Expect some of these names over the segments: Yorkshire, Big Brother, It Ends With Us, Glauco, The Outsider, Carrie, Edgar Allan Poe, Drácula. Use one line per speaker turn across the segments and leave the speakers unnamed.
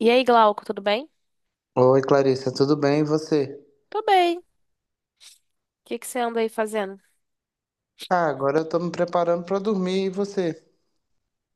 E aí, Glauco, tudo bem?
Oi, Clarissa, tudo bem? E você?
Tô bem. O que que você anda aí fazendo?
Ah, agora eu tô me preparando pra dormir. E você?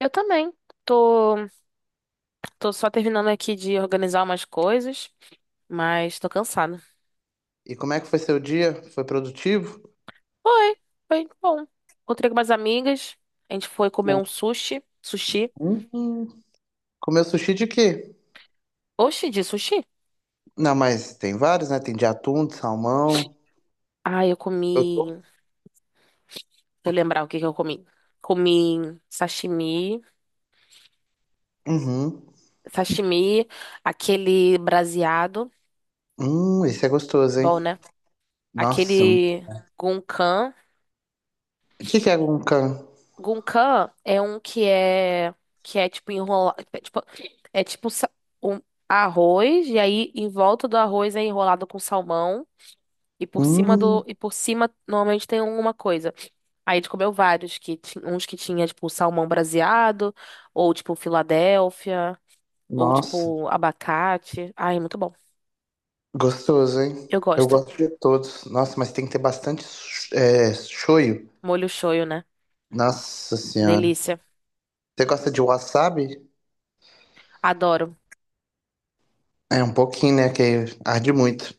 Eu também. Tô, tô só terminando aqui de organizar umas coisas, mas tô cansada.
E como é que foi seu dia? Foi produtivo?
Foi, foi bom. Encontrei com umas amigas, a gente foi comer um sushi. Sushi.
Hum. Comeu sushi de quê?
Oxi, de sushi?
Não, mas tem vários, né? Tem de atum, de salmão.
Ah, eu
Eu
comi.
tô.
Deixa eu lembrar o que que eu comi. Comi sashimi,
Uhum.
sashimi, aquele braseado,
Esse é gostoso, hein?
bom, né?
Nossa.
Aquele
O
gunkan.
que que é guncan?
Gunkan é um que é tipo enrolado, é tipo, é tipo sa- um arroz e aí em volta do arroz é enrolado com salmão e por cima do
Hum,
e por cima normalmente tem alguma coisa. Aí a gente comeu vários uns que tinha tipo salmão braseado ou tipo Filadélfia ou
nossa.
tipo abacate. Ai, muito bom.
Gostoso, hein?
Eu
Eu
gosto.
gosto de todos. Nossa, mas tem que ter bastante, é, shoyu.
Molho shoyu, né?
Nossa senhora.
Delícia.
Você gosta de wasabi?
Adoro.
É um pouquinho, né? Que arde muito.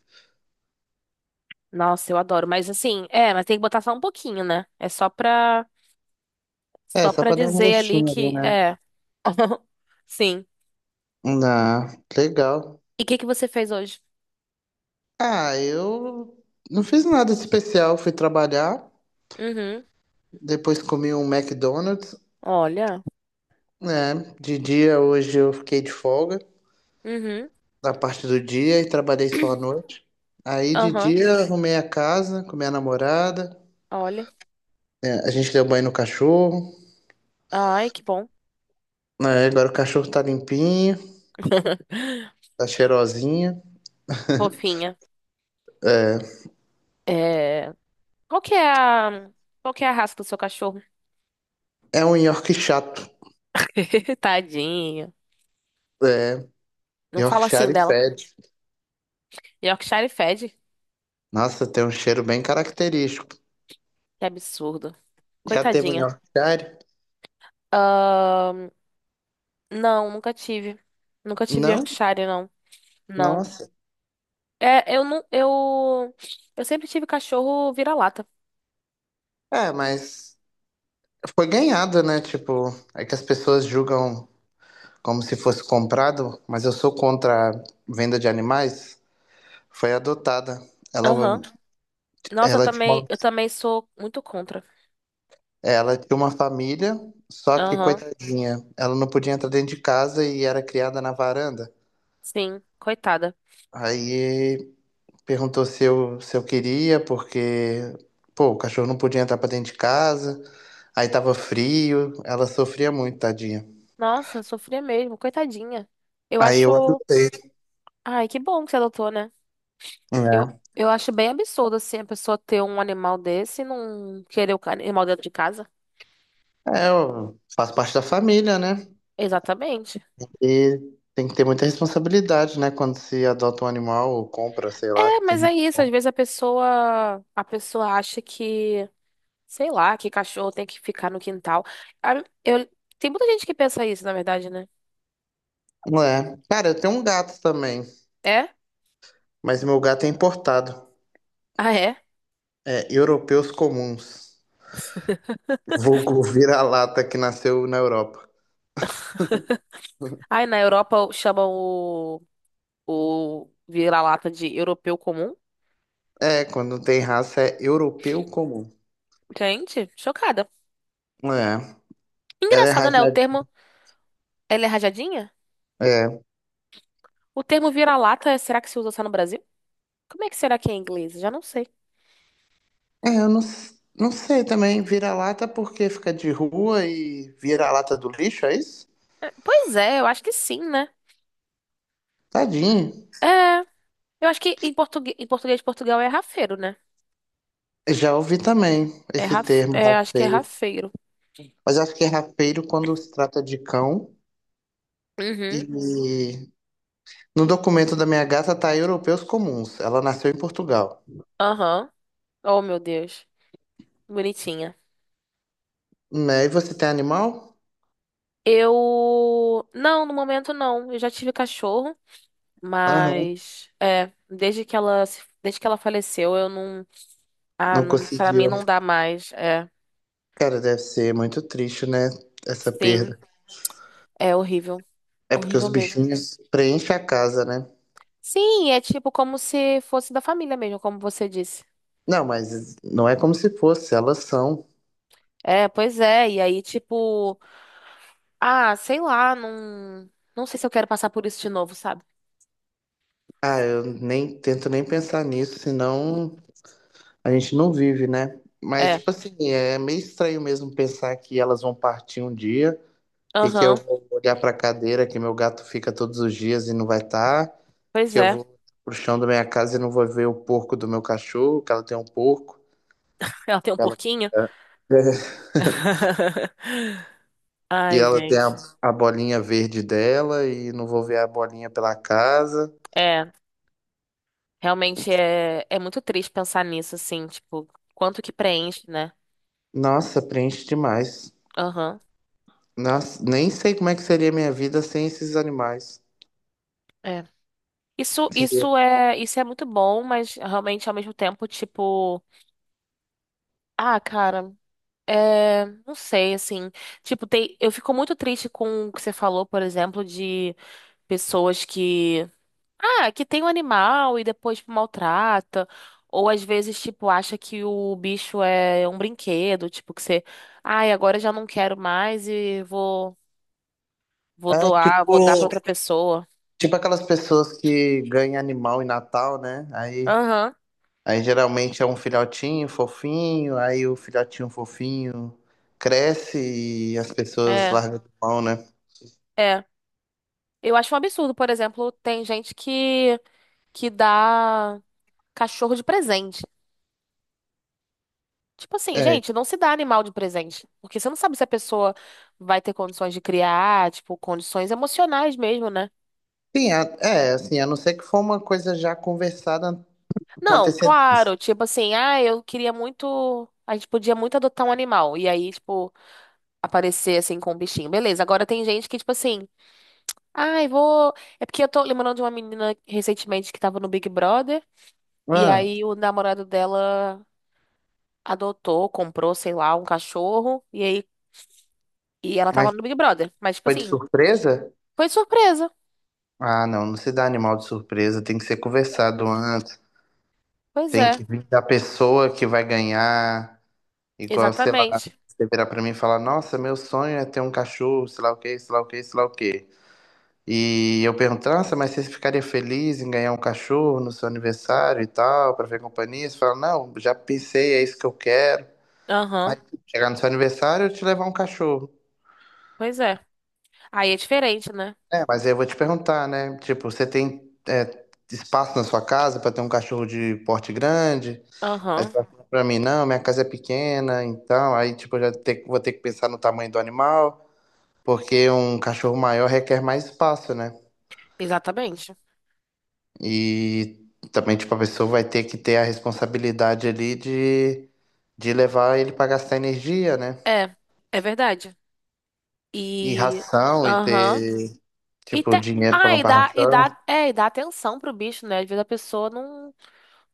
Nossa, eu adoro. Mas assim, é, mas tem que botar só um pouquinho, né?
É,
Só
só
pra
pra dar um
dizer ali
gostinho ali,
que
né?
é. Sim.
Dá. Legal.
E o que que você fez hoje?
Ah, eu não fiz nada especial. Fui trabalhar,
Uhum.
depois comi um McDonald's,
Olha.
né? De dia, hoje eu fiquei de folga
Uhum.
da parte do dia e trabalhei só à noite. Aí de
Aham.
dia arrumei a casa com minha namorada.
Olha.
É, a gente deu banho no cachorro.
Ai, que bom.
Né, agora o cachorro tá limpinho, tá cheirosinho.
Fofinha.
É,
É... Qual que é a... Qual que é a raça do seu cachorro?
é um York chato.
Tadinha.
É,
Não fala assim
Yorkshire
dela.
fede.
Yorkshire fed.
Nossa, tem um cheiro bem característico.
Que absurdo.
Já teve um
Coitadinha.
Yorkshire?
Ahn, Não, nunca tive. Nunca tive
Não?
Yorkshire, não. Não.
Nossa.
É, eu não... Eu... Eu sempre tive cachorro vira-lata.
É, mas foi ganhado, né? Tipo, é que as pessoas julgam como se fosse comprado, mas eu sou contra a venda de animais. Foi adotada. Ela,
Aham. Nossa,
ela tinha uma,
eu também sou muito contra.
ela tinha uma família, só que
Aham,
coitadinha, ela não podia entrar dentro de casa e era criada na varanda.
sim, coitada.
Aí perguntou se eu queria, porque, pô, o cachorro não podia entrar pra dentro de casa, aí tava frio, ela sofria muito, tadinha.
Nossa, sofria mesmo, coitadinha. Eu
Aí eu
acho.
adotei.
Ai, que bom que você adotou, né? Eu,
É,
eu acho bem absurdo, assim, a pessoa ter um animal desse e não querer animal dentro de casa.
é, eu faço parte da família, né?
Exatamente.
E tem que ter muita responsabilidade, né? Quando se adota um animal ou compra, sei lá.
É, mas
Tem...
é isso. Às vezes a pessoa acha que, sei lá, que cachorro tem que ficar no quintal. Ah, Eu, tem muita gente que pensa isso, na verdade, né?
É. Cara, eu tenho um gato também,
É?
mas meu gato é importado.
Ah, é?
É, europeus comuns. Vulgo vira-lata que nasceu na Europa.
Ai, na Europa chamam o vira-lata de europeu comum.
É, quando não tem raça é europeu comum.
Gente, chocada.
É, ela é
Engraçado, né? O
rajada.
termo, ela é rajadinha?
É.
O termo vira-lata, será que se usa só no Brasil? Como é que será que é em inglês? Já não sei.
É, eu não, s- não sei também. Vira-lata porque fica de rua e vira-lata do lixo, é isso?
Pois é, eu acho que sim, né?
Tadinho.
É, eu acho que em português de Portugal é rafeiro, né?
Eu já ouvi também
É,
esse termo,
acho que é
rafeiro.
rafeiro.
Mas acho que é rafeiro quando se trata de cão.
Uhum,
E no documento da minha gata tá europeus comuns. Ela nasceu em Portugal.
aham. Oh, meu Deus. Bonitinha.
Né? E você tem animal?
Não, no momento não. Eu já tive cachorro,
Aham.
mas... É, desde que ela faleceu, eu não... Ah,
Não
não, para mim
conseguiu.
não dá mais. É,
Cara, deve ser muito triste, né? Essa
sim,
perda.
é horrível,
É porque
horrível
os
mesmo.
bichinhos preenchem a casa, né?
Sim, é tipo como se fosse da família mesmo, como você disse.
Não, mas não é como se fosse, elas são.
É, pois é. E aí, tipo, ah, sei lá, não, não sei se eu quero passar por isso de novo, sabe?
Ah, eu nem tento nem pensar nisso, senão a gente não vive, né? Mas,
É,
tipo assim, é meio estranho mesmo pensar que elas vão partir um dia e que eu
aham,
vou olhar pra cadeira que meu gato fica todos os dias e não vai estar,
pois
que eu
é.
vou pro chão da minha casa e não vou ver o porco do meu cachorro, que ela tem um porco,
Ela tem um
que ela,
porquinho.
que
Ai,
ela tem
gente.
a bolinha verde dela e não vou ver a bolinha pela casa.
É, realmente é, é muito triste pensar nisso, assim, tipo, quanto que preenche, né?
Nossa, preenche demais.
Aham.
Nossa, nem sei como é que seria minha vida sem esses animais.
É. Isso,
Seria.
isso é muito bom, mas realmente ao mesmo tempo, tipo, ah, cara, é, não sei, assim, tipo, tem, eu fico muito triste com o que você falou, por exemplo, de pessoas que, ah, que tem um animal e depois tipo, maltrata, ou às vezes, tipo, acha que o bicho é um brinquedo, tipo, que você, ai, agora eu já não quero mais e vou, vou
É
doar, vou dar pra
tipo,
outra pessoa.
tipo aquelas pessoas que ganham animal em Natal, né?
Aham,
Aí geralmente é um filhotinho fofinho, aí o filhotinho fofinho cresce e as pessoas
é,
largam a mão, né?
é. Eu acho um absurdo, por exemplo, tem gente que dá cachorro de presente. Tipo assim,
É,
gente, não se dá animal de presente. Porque você não sabe se a pessoa vai ter condições de criar, tipo, condições emocionais mesmo, né?
assim, a não ser que for uma coisa já conversada com
Não,
antecedência.
claro, tipo assim, ah, eu queria muito. A gente podia muito adotar um animal. E aí, tipo, aparecer assim com um bichinho. Beleza, agora tem gente que, tipo assim, ai, vou. É porque eu tô lembrando de uma menina recentemente que tava no Big Brother. E
Ah,
aí o namorado dela adotou, comprou, sei lá, um cachorro. E ela tava
mas
no Big Brother. Mas, tipo
foi de
assim,
surpresa?
foi surpresa.
Ah, não, não se dá animal de surpresa, tem que ser conversado antes.
Pois
Tem
é,
que vir da pessoa que vai ganhar. Igual, sei lá,
exatamente.
você virar pra mim e falar, nossa, meu sonho é ter um cachorro, sei lá o quê, sei lá o quê, sei lá o quê. E eu pergunto, nossa, mas você ficaria feliz em ganhar um cachorro no seu aniversário e tal, pra ver companhia? Você fala, não, já pensei, é isso que eu quero. Aí,
Aham,
chegar no seu aniversário, eu te levar um cachorro.
pois é. Aí é diferente, né?
É, mas aí eu vou te perguntar, né? Tipo, você tem, é, espaço na sua casa pra ter um cachorro de porte grande? Aí tu
Aham,
vai falar pra mim, não, minha casa é pequena, então, aí, tipo, vou ter que pensar no tamanho do animal, porque um cachorro maior requer mais espaço, né?
exatamente.
E também, tipo, a pessoa vai ter que ter a responsabilidade ali de levar ele pra gastar energia, né?
É, é verdade.
E
E.
ração, e
Aham.
ter,
E
tipo,
te...
dinheiro pra
Ah,
comprar ração.
e dá atenção pro bicho, né? Às vezes a pessoa não,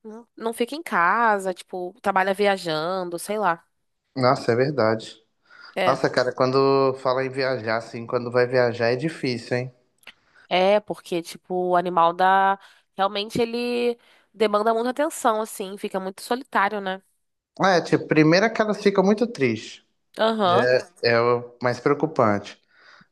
não fica em casa, tipo, trabalha viajando, sei lá.
Nossa, é verdade.
É.
Nossa, cara, quando fala em viajar, assim, quando vai viajar é difícil, hein?
É, porque, tipo, o animal dá. Realmente ele demanda muita atenção, assim, fica muito solitário, né?
É, tipo, primeiro é que elas ficam muito tristes. Já
Aham.
é é o mais preocupante.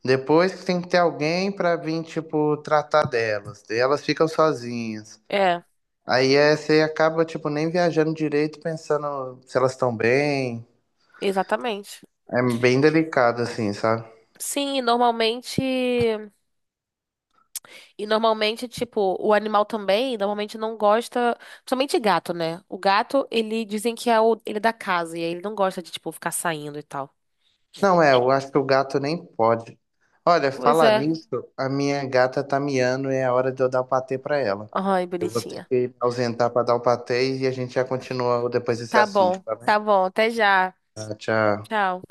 Depois tem que ter alguém para vir, tipo, tratar delas. E elas ficam sozinhas.
É.
Aí é, você acaba, tipo, nem viajando direito, pensando se elas estão bem.
Exatamente.
É bem delicado, assim, sabe?
Sim, e normalmente. E normalmente, tipo, o animal também, normalmente não gosta. Principalmente gato, né? O gato, ele dizem que é o, ele é da casa, e aí ele não gosta de, tipo, ficar saindo e tal.
Não, é, eu acho que o gato nem pode. Olha,
Pois
falar
é.
nisso, a minha gata tá miando e é hora de eu dar o patê pra ela.
Ai,
Eu vou ter
bonitinha.
que me ausentar pra dar o patê e a gente já continua depois desse
Tá
assunto,
bom,
tá
tá
bem?
bom. Até já.
Tá, tchau.
Tchau.